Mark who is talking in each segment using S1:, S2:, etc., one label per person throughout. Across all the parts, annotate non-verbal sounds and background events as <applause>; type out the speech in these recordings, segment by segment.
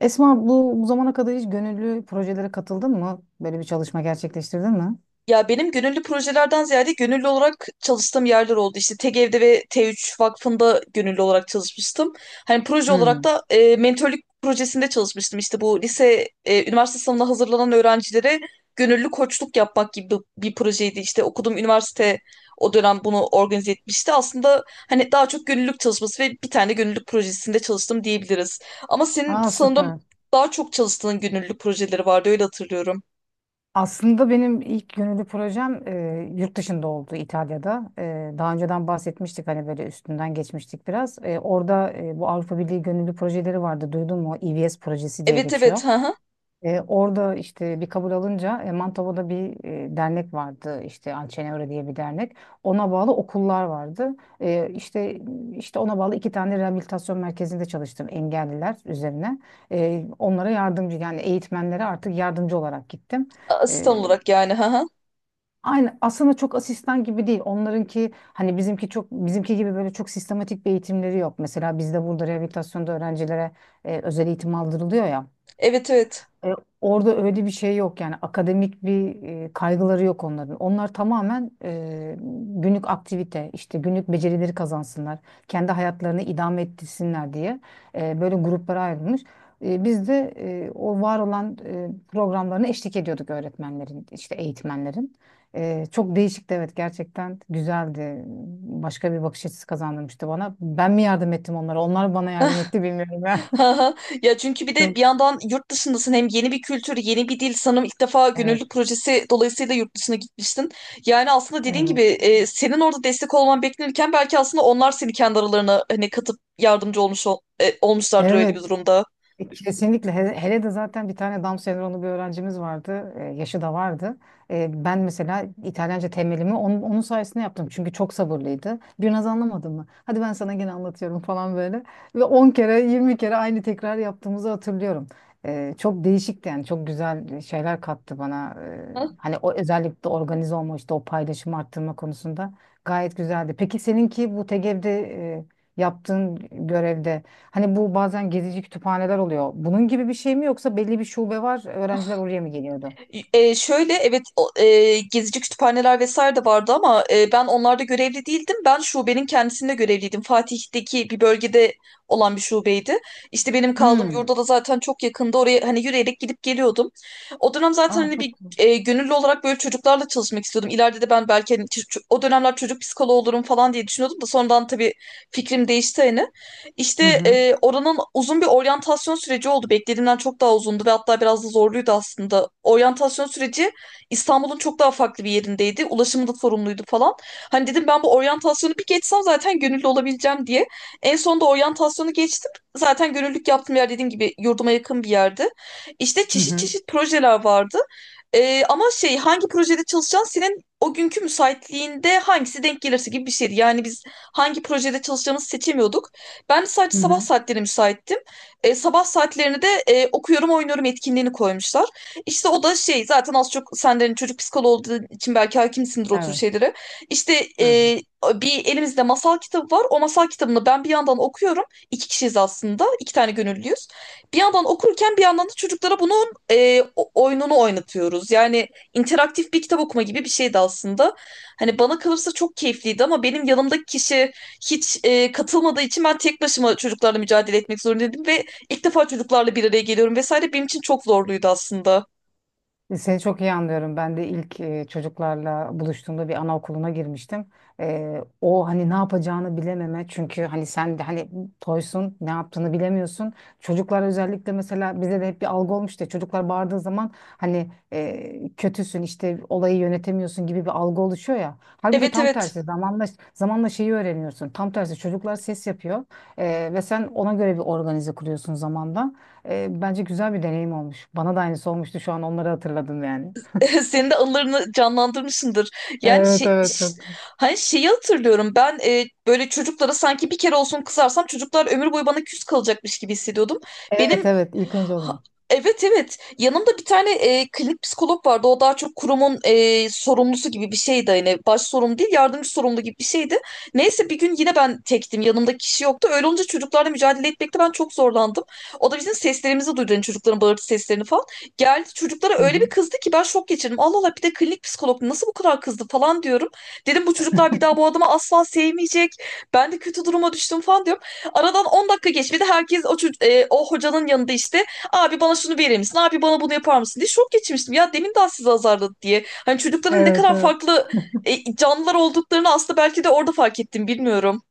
S1: Esma bu zamana kadar hiç gönüllü projelere katıldın mı? Böyle bir çalışma gerçekleştirdin mi?
S2: Ya benim gönüllü projelerden ziyade gönüllü olarak çalıştığım yerler oldu. İşte TGV'de ve T3 Vakfı'nda gönüllü olarak çalışmıştım. Hani proje olarak
S1: Hmm.
S2: da mentörlük projesinde çalışmıştım. İşte bu lise, üniversite sınavına hazırlanan öğrencilere gönüllü koçluk yapmak gibi bir projeydi. İşte okuduğum üniversite o dönem bunu organize etmişti. Aslında hani daha çok gönüllülük çalışması ve bir tane gönüllülük projesinde çalıştım diyebiliriz. Ama senin
S1: Aa
S2: sanırım
S1: süper.
S2: daha çok çalıştığın gönüllülük projeleri vardı, öyle hatırlıyorum.
S1: Aslında benim ilk gönüllü projem yurt dışında oldu İtalya'da. Daha önceden bahsetmiştik hani böyle üstünden geçmiştik biraz. Orada bu Avrupa Birliği gönüllü projeleri vardı duydun mu? EVS projesi diye
S2: Evet
S1: geçiyor.
S2: evet. <laughs>
S1: Orada işte bir kabul alınca Mantova'da bir dernek vardı işte Alcenevre diye bir dernek. Ona bağlı okullar vardı. E, işte ona bağlı iki tane rehabilitasyon merkezinde çalıştım engelliler üzerine. Onlara yardımcı yani eğitmenlere artık yardımcı olarak gittim.
S2: Asistan
S1: E,
S2: olarak yani. Ha ha.
S1: Aynı aslında çok asistan gibi değil. Onlarınki hani bizimki gibi böyle çok sistematik bir eğitimleri yok. Mesela bizde burada rehabilitasyonda öğrencilere özel eğitim aldırılıyor ya.
S2: Evet evet.
S1: E, Orada öyle bir şey yok yani akademik bir kaygıları yok onların. Onlar tamamen günlük aktivite, işte günlük becerileri kazansınlar, kendi hayatlarını idame ettirsinler diye böyle gruplara ayrılmış. Biz de o var olan programlarına eşlik ediyorduk öğretmenlerin, işte eğitmenlerin. Çok değişikti evet gerçekten güzeldi. Başka bir bakış açısı kazandırmıştı bana. Ben mi yardım ettim onlara? Onlar bana yardım etti bilmiyorum ben. <laughs>
S2: Ha ha. Ya çünkü bir de bir
S1: Çok.
S2: yandan yurt dışındasın, hem yeni bir kültür, yeni bir dil. Sanırım ilk defa
S1: Evet,
S2: gönüllü projesi dolayısıyla yurt dışına gitmiştin. Yani aslında dediğin
S1: evet.
S2: gibi senin orada destek olman beklenirken belki aslında onlar seni kendi aralarına hani katıp yardımcı olmuşlardır öyle bir
S1: Evet.
S2: durumda.
S1: Kesinlikle. Hele de zaten bir tane Down sendromlu bir öğrencimiz vardı. Yaşı da vardı. Ben mesela İtalyanca temelimi onun sayesinde yaptım. Çünkü çok sabırlıydı. Bir naz anlamadın mı? Hadi ben sana gene anlatıyorum falan böyle. Ve 10 kere 20 kere aynı tekrar yaptığımızı hatırlıyorum. Çok değişikti yani. Çok güzel şeyler kattı bana. Hani o özellikle organize olma işte o paylaşımı arttırma konusunda gayet güzeldi. Peki seninki bu TGV'de e, yaptığın görevde, hani bu bazen gezici kütüphaneler oluyor. Bunun gibi bir şey mi yoksa belli bir şube var, öğrenciler oraya mı geliyordu?
S2: Şöyle, evet, gezici kütüphaneler vesaire de vardı ama ben onlarda görevli değildim. Ben şubenin kendisinde görevliydim. Fatih'teki bir bölgede olan bir şubeydi. İşte benim kaldığım
S1: Hmm.
S2: yurda da zaten çok yakında, oraya hani yürüyerek gidip geliyordum. O dönem zaten
S1: Aa
S2: hani
S1: çok
S2: bir
S1: güzel.
S2: gönüllü olarak böyle çocuklarla çalışmak istiyordum. İleride de ben belki hani o dönemler çocuk psikoloğu olurum falan diye düşünüyordum da sonradan tabii fikrim değişti hani. İşte
S1: Hı hı.
S2: oranın uzun bir oryantasyon süreci oldu. Beklediğimden çok daha uzundu ve hatta biraz da zorluydu aslında. Oryantasyon süreci İstanbul'un çok daha farklı bir yerindeydi. Ulaşımı da sorumluydu falan. Hani dedim, ben bu oryantasyonu bir geçsem zaten gönüllü olabileceğim diye. En sonunda oryantasyonu geçtim. Zaten gönüllülük yaptığım yer, dediğim gibi, yurduma yakın bir yerde. İşte
S1: Hı
S2: çeşit
S1: hı.
S2: çeşit projeler vardı. Ama şey, hangi projede çalışacaksın, senin o günkü müsaitliğinde hangisi denk gelirse gibi bir şeydi. Yani biz hangi projede çalışacağımızı seçemiyorduk. Ben de sadece
S1: Hı
S2: sabah
S1: hı.
S2: saatlerine müsaittim. Sabah saatlerine de okuyorum oynuyorum etkinliğini koymuşlar. İşte o da şey, zaten az çok senden çocuk psikoloğu olduğu için belki hakimsindir o tür
S1: Evet.
S2: şeylere. İşte
S1: Hı hı.
S2: bir elimizde masal kitabı var. O masal kitabını ben bir yandan okuyorum. İki kişiyiz aslında. İki tane gönüllüyüz. Bir yandan okurken bir yandan da çocuklara bunu oyununu oynatıyoruz. Yani interaktif bir kitap okuma gibi bir şeydi aslında. Hani bana kalırsa çok keyifliydi ama benim yanımdaki kişi hiç katılmadığı için ben tek başıma çocuklarla mücadele etmek zorundaydım ve ilk defa çocuklarla bir araya geliyorum vesaire, benim için çok zorluydu aslında.
S1: Seni çok iyi anlıyorum. Ben de ilk çocuklarla buluştuğumda bir anaokuluna girmiştim. O hani ne yapacağını bilememe çünkü hani sen de hani toysun ne yaptığını bilemiyorsun. Çocuklar özellikle mesela bize de hep bir algı olmuştu. Çocuklar bağırdığı zaman hani kötüsün işte olayı yönetemiyorsun gibi bir algı oluşuyor ya. Halbuki
S2: Evet
S1: tam
S2: evet.
S1: tersi zamanla şeyi öğreniyorsun. Tam tersi çocuklar ses yapıyor ve sen ona göre bir organize kuruyorsun zamanla. Bence güzel bir deneyim olmuş. Bana da aynısı olmuştu şu an onları hatırladım yani.
S2: <laughs> Senin de anılarını canlandırmışsındır. Yani
S1: Evet
S2: şey,
S1: evet çok.
S2: hani şeyi hatırlıyorum ben, böyle çocuklara sanki bir kere olsun kızarsam çocuklar ömür boyu bana küs kalacakmış gibi hissediyordum.
S1: Evet
S2: Benim
S1: evet ilk önce oluyor.
S2: Ha- Evet evet, yanımda bir tane klinik psikolog vardı, o daha çok kurumun sorumlusu gibi bir şeydi, hani baş sorumlu değil, yardımcı sorumlu gibi bir şeydi. Neyse, bir gün yine ben tektim, yanımda kişi yoktu, öyle olunca çocuklarla mücadele etmekte ben çok zorlandım. O da bizim seslerimizi duydu, hani çocukların bağırtı seslerini falan. Geldi çocuklara
S1: Hı
S2: öyle bir
S1: hı.
S2: kızdı ki ben şok geçirdim. Allah Allah, bir de klinik psikolog nasıl bu kadar kızdı falan diyorum. Dedim, bu çocuklar bir daha bu adamı asla sevmeyecek, ben de kötü duruma düştüm falan diyorum. Aradan 10 dakika geçmedi, herkes o hocanın yanında, işte, Abi bana şunu verir misin? Abi bana bunu yapar mısın? Diye şok geçirmiştim. Ya, demin daha sizi azarladı diye. Hani çocukların ne
S1: Evet
S2: kadar
S1: evet.
S2: farklı canlılar olduklarını aslında belki de orada fark ettim, bilmiyorum.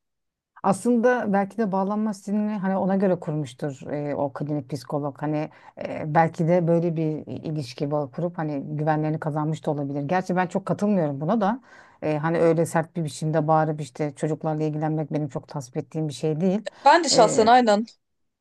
S1: Aslında belki de bağlanma stilini hani ona göre kurmuştur o klinik psikolog. Hani belki de böyle bir ilişki bağı kurup hani güvenlerini kazanmış da olabilir. Gerçi ben çok katılmıyorum buna da. Hani öyle sert bir biçimde bağırıp işte çocuklarla ilgilenmek benim çok tasvip ettiğim bir şey değil.
S2: Ben de şahsen aynen.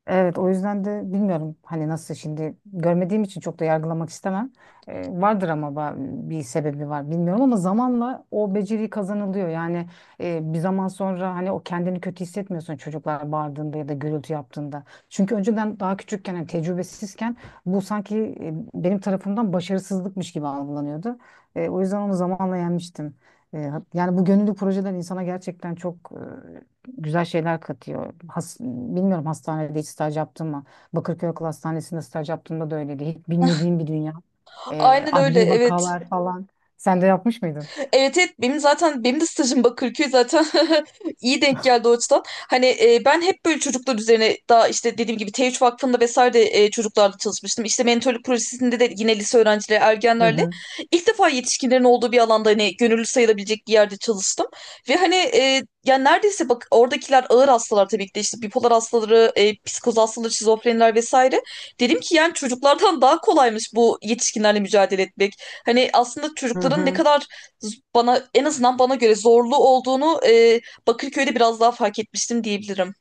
S1: Evet, o yüzden de bilmiyorum hani nasıl şimdi görmediğim için çok da yargılamak istemem. Vardır ama bir sebebi var bilmiyorum ama zamanla o beceri kazanılıyor. Yani bir zaman sonra hani o kendini kötü hissetmiyorsun çocuklar bağırdığında ya da gürültü yaptığında. Çünkü önceden daha küçükken hani tecrübesizken bu sanki benim tarafımdan başarısızlıkmış gibi algılanıyordu. O yüzden onu zamanla yenmiştim. Yani bu gönüllü projeler insana gerçekten çok güzel şeyler katıyor. Bilmiyorum hastanede hiç staj yaptım mı? Bakırköy Akıl Hastanesi'nde staj yaptığımda da öyleydi. Hiç bilmediğim bir dünya.
S2: Aynen öyle,
S1: Adli
S2: evet.
S1: vakalar falan. Sen de yapmış mıydın?
S2: Evet evet, benim zaten, benim de stajım Bakırköy zaten. <laughs> iyi denk geldi o açıdan. Hani ben hep böyle çocuklar üzerine, daha işte dediğim gibi T3 Vakfı'nda vesaire de çocuklarla çalışmıştım. İşte mentorluk projesinde de yine lise öğrencileri,
S1: Hı
S2: ergenlerle,
S1: hı.
S2: ilk defa yetişkinlerin olduğu bir alanda, hani gönüllü sayılabilecek bir yerde çalıştım. Ve hani yani neredeyse, bak, oradakiler ağır hastalar tabii ki de, işte bipolar hastaları, psikoz hastaları, şizofreniler vesaire. Dedim ki yani çocuklardan daha kolaymış bu yetişkinlerle mücadele etmek. Hani aslında
S1: Hı
S2: çocukların ne
S1: hı.
S2: kadar bana, en azından bana göre, zorlu olduğunu Bakırköy'de biraz daha fark etmiştim diyebilirim.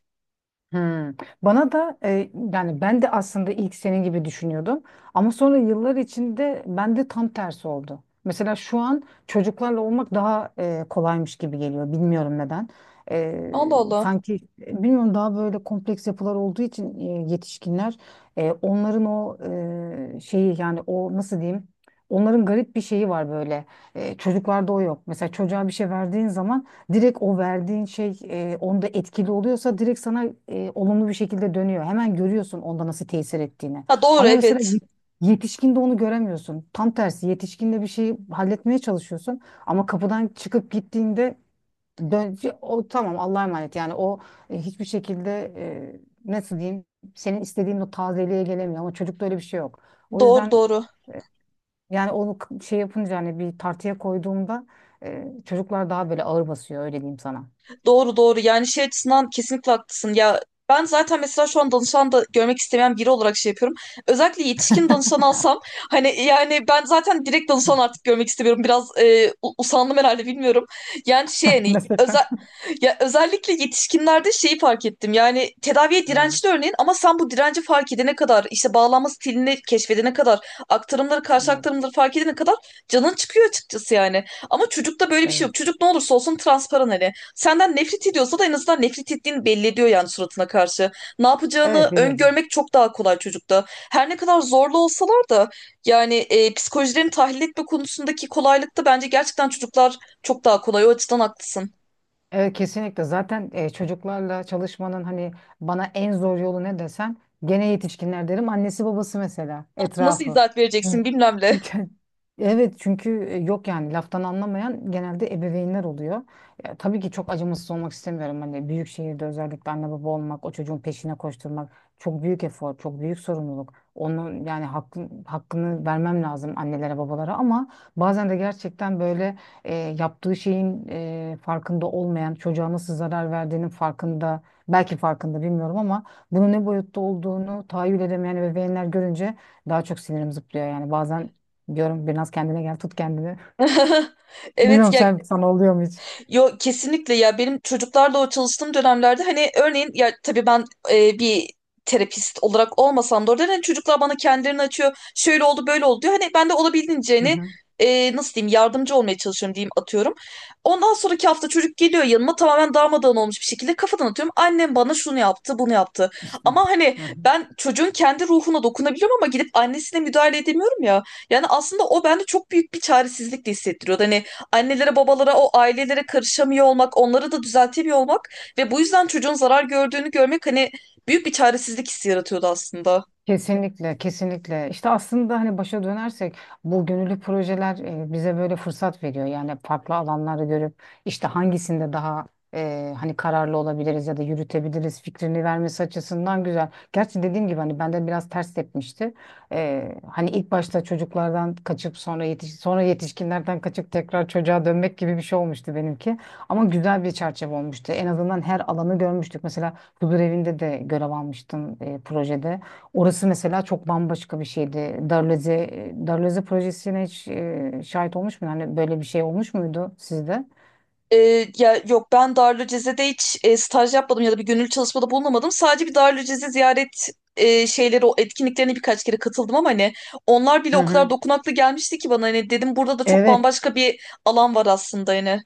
S1: Hmm. Bana da yani ben de aslında ilk senin gibi düşünüyordum ama sonra yıllar içinde ben de tam tersi oldu. Mesela şu an çocuklarla olmak daha kolaymış gibi geliyor. Bilmiyorum neden.
S2: Allah Allah.
S1: Sanki bilmiyorum daha böyle kompleks yapılar olduğu için yetişkinler onların o şeyi yani o nasıl diyeyim? Onların garip bir şeyi var böyle. Çocuklarda o yok. Mesela çocuğa bir şey verdiğin zaman direkt o verdiğin şey onda etkili oluyorsa direkt sana olumlu bir şekilde dönüyor. Hemen görüyorsun onda nasıl tesir ettiğini.
S2: Ha, doğru,
S1: Ama mesela
S2: evet.
S1: yetişkinde onu göremiyorsun. Tam tersi yetişkinde bir şeyi halletmeye çalışıyorsun ama kapıdan çıkıp gittiğinde dön o tamam Allah'a emanet yani o hiçbir şekilde e, nasıl diyeyim senin istediğin o tazeliğe gelemiyor ama çocukta öyle bir şey yok. O
S2: Doğru
S1: yüzden
S2: doğru.
S1: yani onu k- şey yapınca hani bir tartıya koyduğumda çocuklar daha böyle ağır basıyor öyle diyeyim sana.
S2: Doğru doğru, yani şey açısından kesinlikle haklısın ya, ben zaten mesela şu an danışan da görmek istemeyen biri olarak şey yapıyorum. Özellikle yetişkin danışan alsam, hani yani ben zaten direkt danışan artık görmek istemiyorum. Biraz usandım herhalde, bilmiyorum. Yani şey hani
S1: Meslekten.
S2: ya özellikle yetişkinlerde şeyi fark ettim. Yani tedaviye
S1: Evet,
S2: dirençli örneğin, ama sen bu direnci fark edene kadar, işte bağlanma stilini keşfedene kadar, aktarımları karşı
S1: evet,
S2: aktarımları fark edene kadar canın çıkıyor açıkçası, yani. Ama çocukta böyle bir şey
S1: evet.
S2: yok. Çocuk ne olursa olsun transparan, hani. Senden nefret ediyorsa da en azından nefret ettiğini belli ediyor, yani suratına karşı. Ne yapacağını
S1: Evet biliyorum.
S2: öngörmek çok daha kolay çocukta. Her ne kadar zorlu olsalar da yani, psikolojilerini tahlil etme konusundaki kolaylıkta bence gerçekten çocuklar çok daha kolay. O açıdan haklısın.
S1: Evet kesinlikle zaten çocuklarla çalışmanın hani bana en zor yolu ne desen gene yetişkinler derim annesi babası mesela
S2: Nasıl
S1: etrafı.
S2: izahat
S1: Hı.
S2: vereceksin, bilmem ne.
S1: Çünkü- <laughs> Evet çünkü yok yani laftan anlamayan genelde ebeveynler oluyor. Ya, tabii ki çok acımasız olmak istemiyorum. Hani büyük şehirde özellikle anne baba olmak, o çocuğun peşine koşturmak çok büyük efor, çok büyük sorumluluk. Onun yani hakkı, hakkını vermem lazım annelere, babalara ama bazen de gerçekten böyle yaptığı şeyin farkında olmayan, çocuğa nasıl zarar verdiğinin farkında, belki farkında bilmiyorum ama bunun ne boyutta olduğunu tahayyül edemeyen ebeveynler görünce daha çok sinirim zıplıyor yani. Bazen diyorum biraz kendine gel, tut kendini.
S2: <laughs>
S1: <laughs>
S2: Evet
S1: Bilmiyorum
S2: ya.
S1: sen sana oluyor mu hiç?
S2: Yo, kesinlikle ya, benim çocuklarla o çalıştığım dönemlerde, hani örneğin, ya tabii ben bir terapist olarak olmasam da orada hani çocuklar bana kendilerini açıyor. Şöyle oldu, böyle oldu diyor. Hani ben de olabildiğince
S1: Hı
S2: hani
S1: hı.
S2: nasıl diyeyim, yardımcı olmaya çalışıyorum diyeyim, atıyorum. Ondan sonraki hafta çocuk geliyor yanıma tamamen darmadağın olmuş bir şekilde, kafadan atıyorum, annem bana şunu yaptı, bunu yaptı.
S1: İşte.
S2: Ama hani
S1: Hı hı.
S2: ben çocuğun kendi ruhuna dokunabiliyorum ama gidip annesine müdahale edemiyorum ya. Yani aslında o bende çok büyük bir çaresizlik de hissettiriyordu. Hani annelere babalara, o ailelere karışamıyor olmak, onları da düzeltemiyor olmak ve bu yüzden çocuğun zarar gördüğünü görmek hani büyük bir çaresizlik hissi yaratıyordu aslında.
S1: Kesinlikle, kesinlikle. İşte aslında hani başa dönersek bu gönüllü projeler bize böyle fırsat veriyor. Yani farklı alanları görüp işte hangisinde daha hani kararlı olabiliriz ya da yürütebiliriz fikrini vermesi açısından güzel. Gerçi dediğim gibi hani bende biraz ters tepmişti. Hani ilk başta çocuklardan kaçıp sonra yetişkinlerden kaçıp tekrar çocuğa dönmek gibi bir şey olmuştu benimki. Ama güzel bir çerçeve olmuştu. En azından her alanı görmüştük. Mesela huzur evinde de görev almıştım projede. Orası mesela çok bambaşka bir şeydi. Darleze projesine hiç şahit olmuş mu? Hani böyle bir şey olmuş muydu sizde?
S2: Ya yok, ben Darülceze'de hiç staj yapmadım ya da bir gönüllü çalışmada bulunamadım. Sadece bir Darülceze ziyaret şeyleri, o etkinliklerine birkaç kere katıldım ama hani onlar bile
S1: Hı
S2: o kadar
S1: hı.
S2: dokunaklı gelmişti ki bana, hani dedim burada da çok
S1: Evet.
S2: bambaşka bir alan var aslında, hani.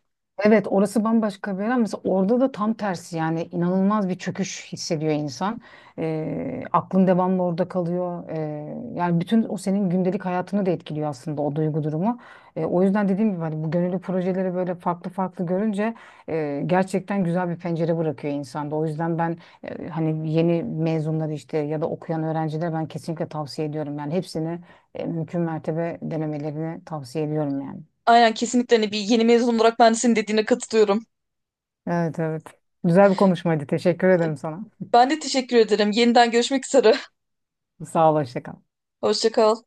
S1: Evet orası bambaşka bir yer ama mesela orada da tam tersi yani inanılmaz bir çöküş hissediyor insan. Aklın devamlı orada kalıyor. Yani bütün o senin gündelik hayatını da etkiliyor aslında o duygu durumu. O yüzden dediğim gibi hani bu gönüllü projeleri böyle farklı farklı görünce gerçekten güzel bir pencere bırakıyor insanda. O yüzden ben hani yeni mezunları işte ya da okuyan öğrencilere ben kesinlikle tavsiye ediyorum. Yani hepsini mümkün mertebe denemelerini tavsiye ediyorum yani.
S2: Aynen, kesinlikle, hani bir yeni mezun olarak ben de senin dediğine katılıyorum.
S1: Evet evet. Güzel bir konuşmaydı. Teşekkür ederim sana.
S2: Ben de teşekkür ederim. Yeniden görüşmek üzere.
S1: Sağ ol, hoşça kal.
S2: <laughs> Hoşça kal.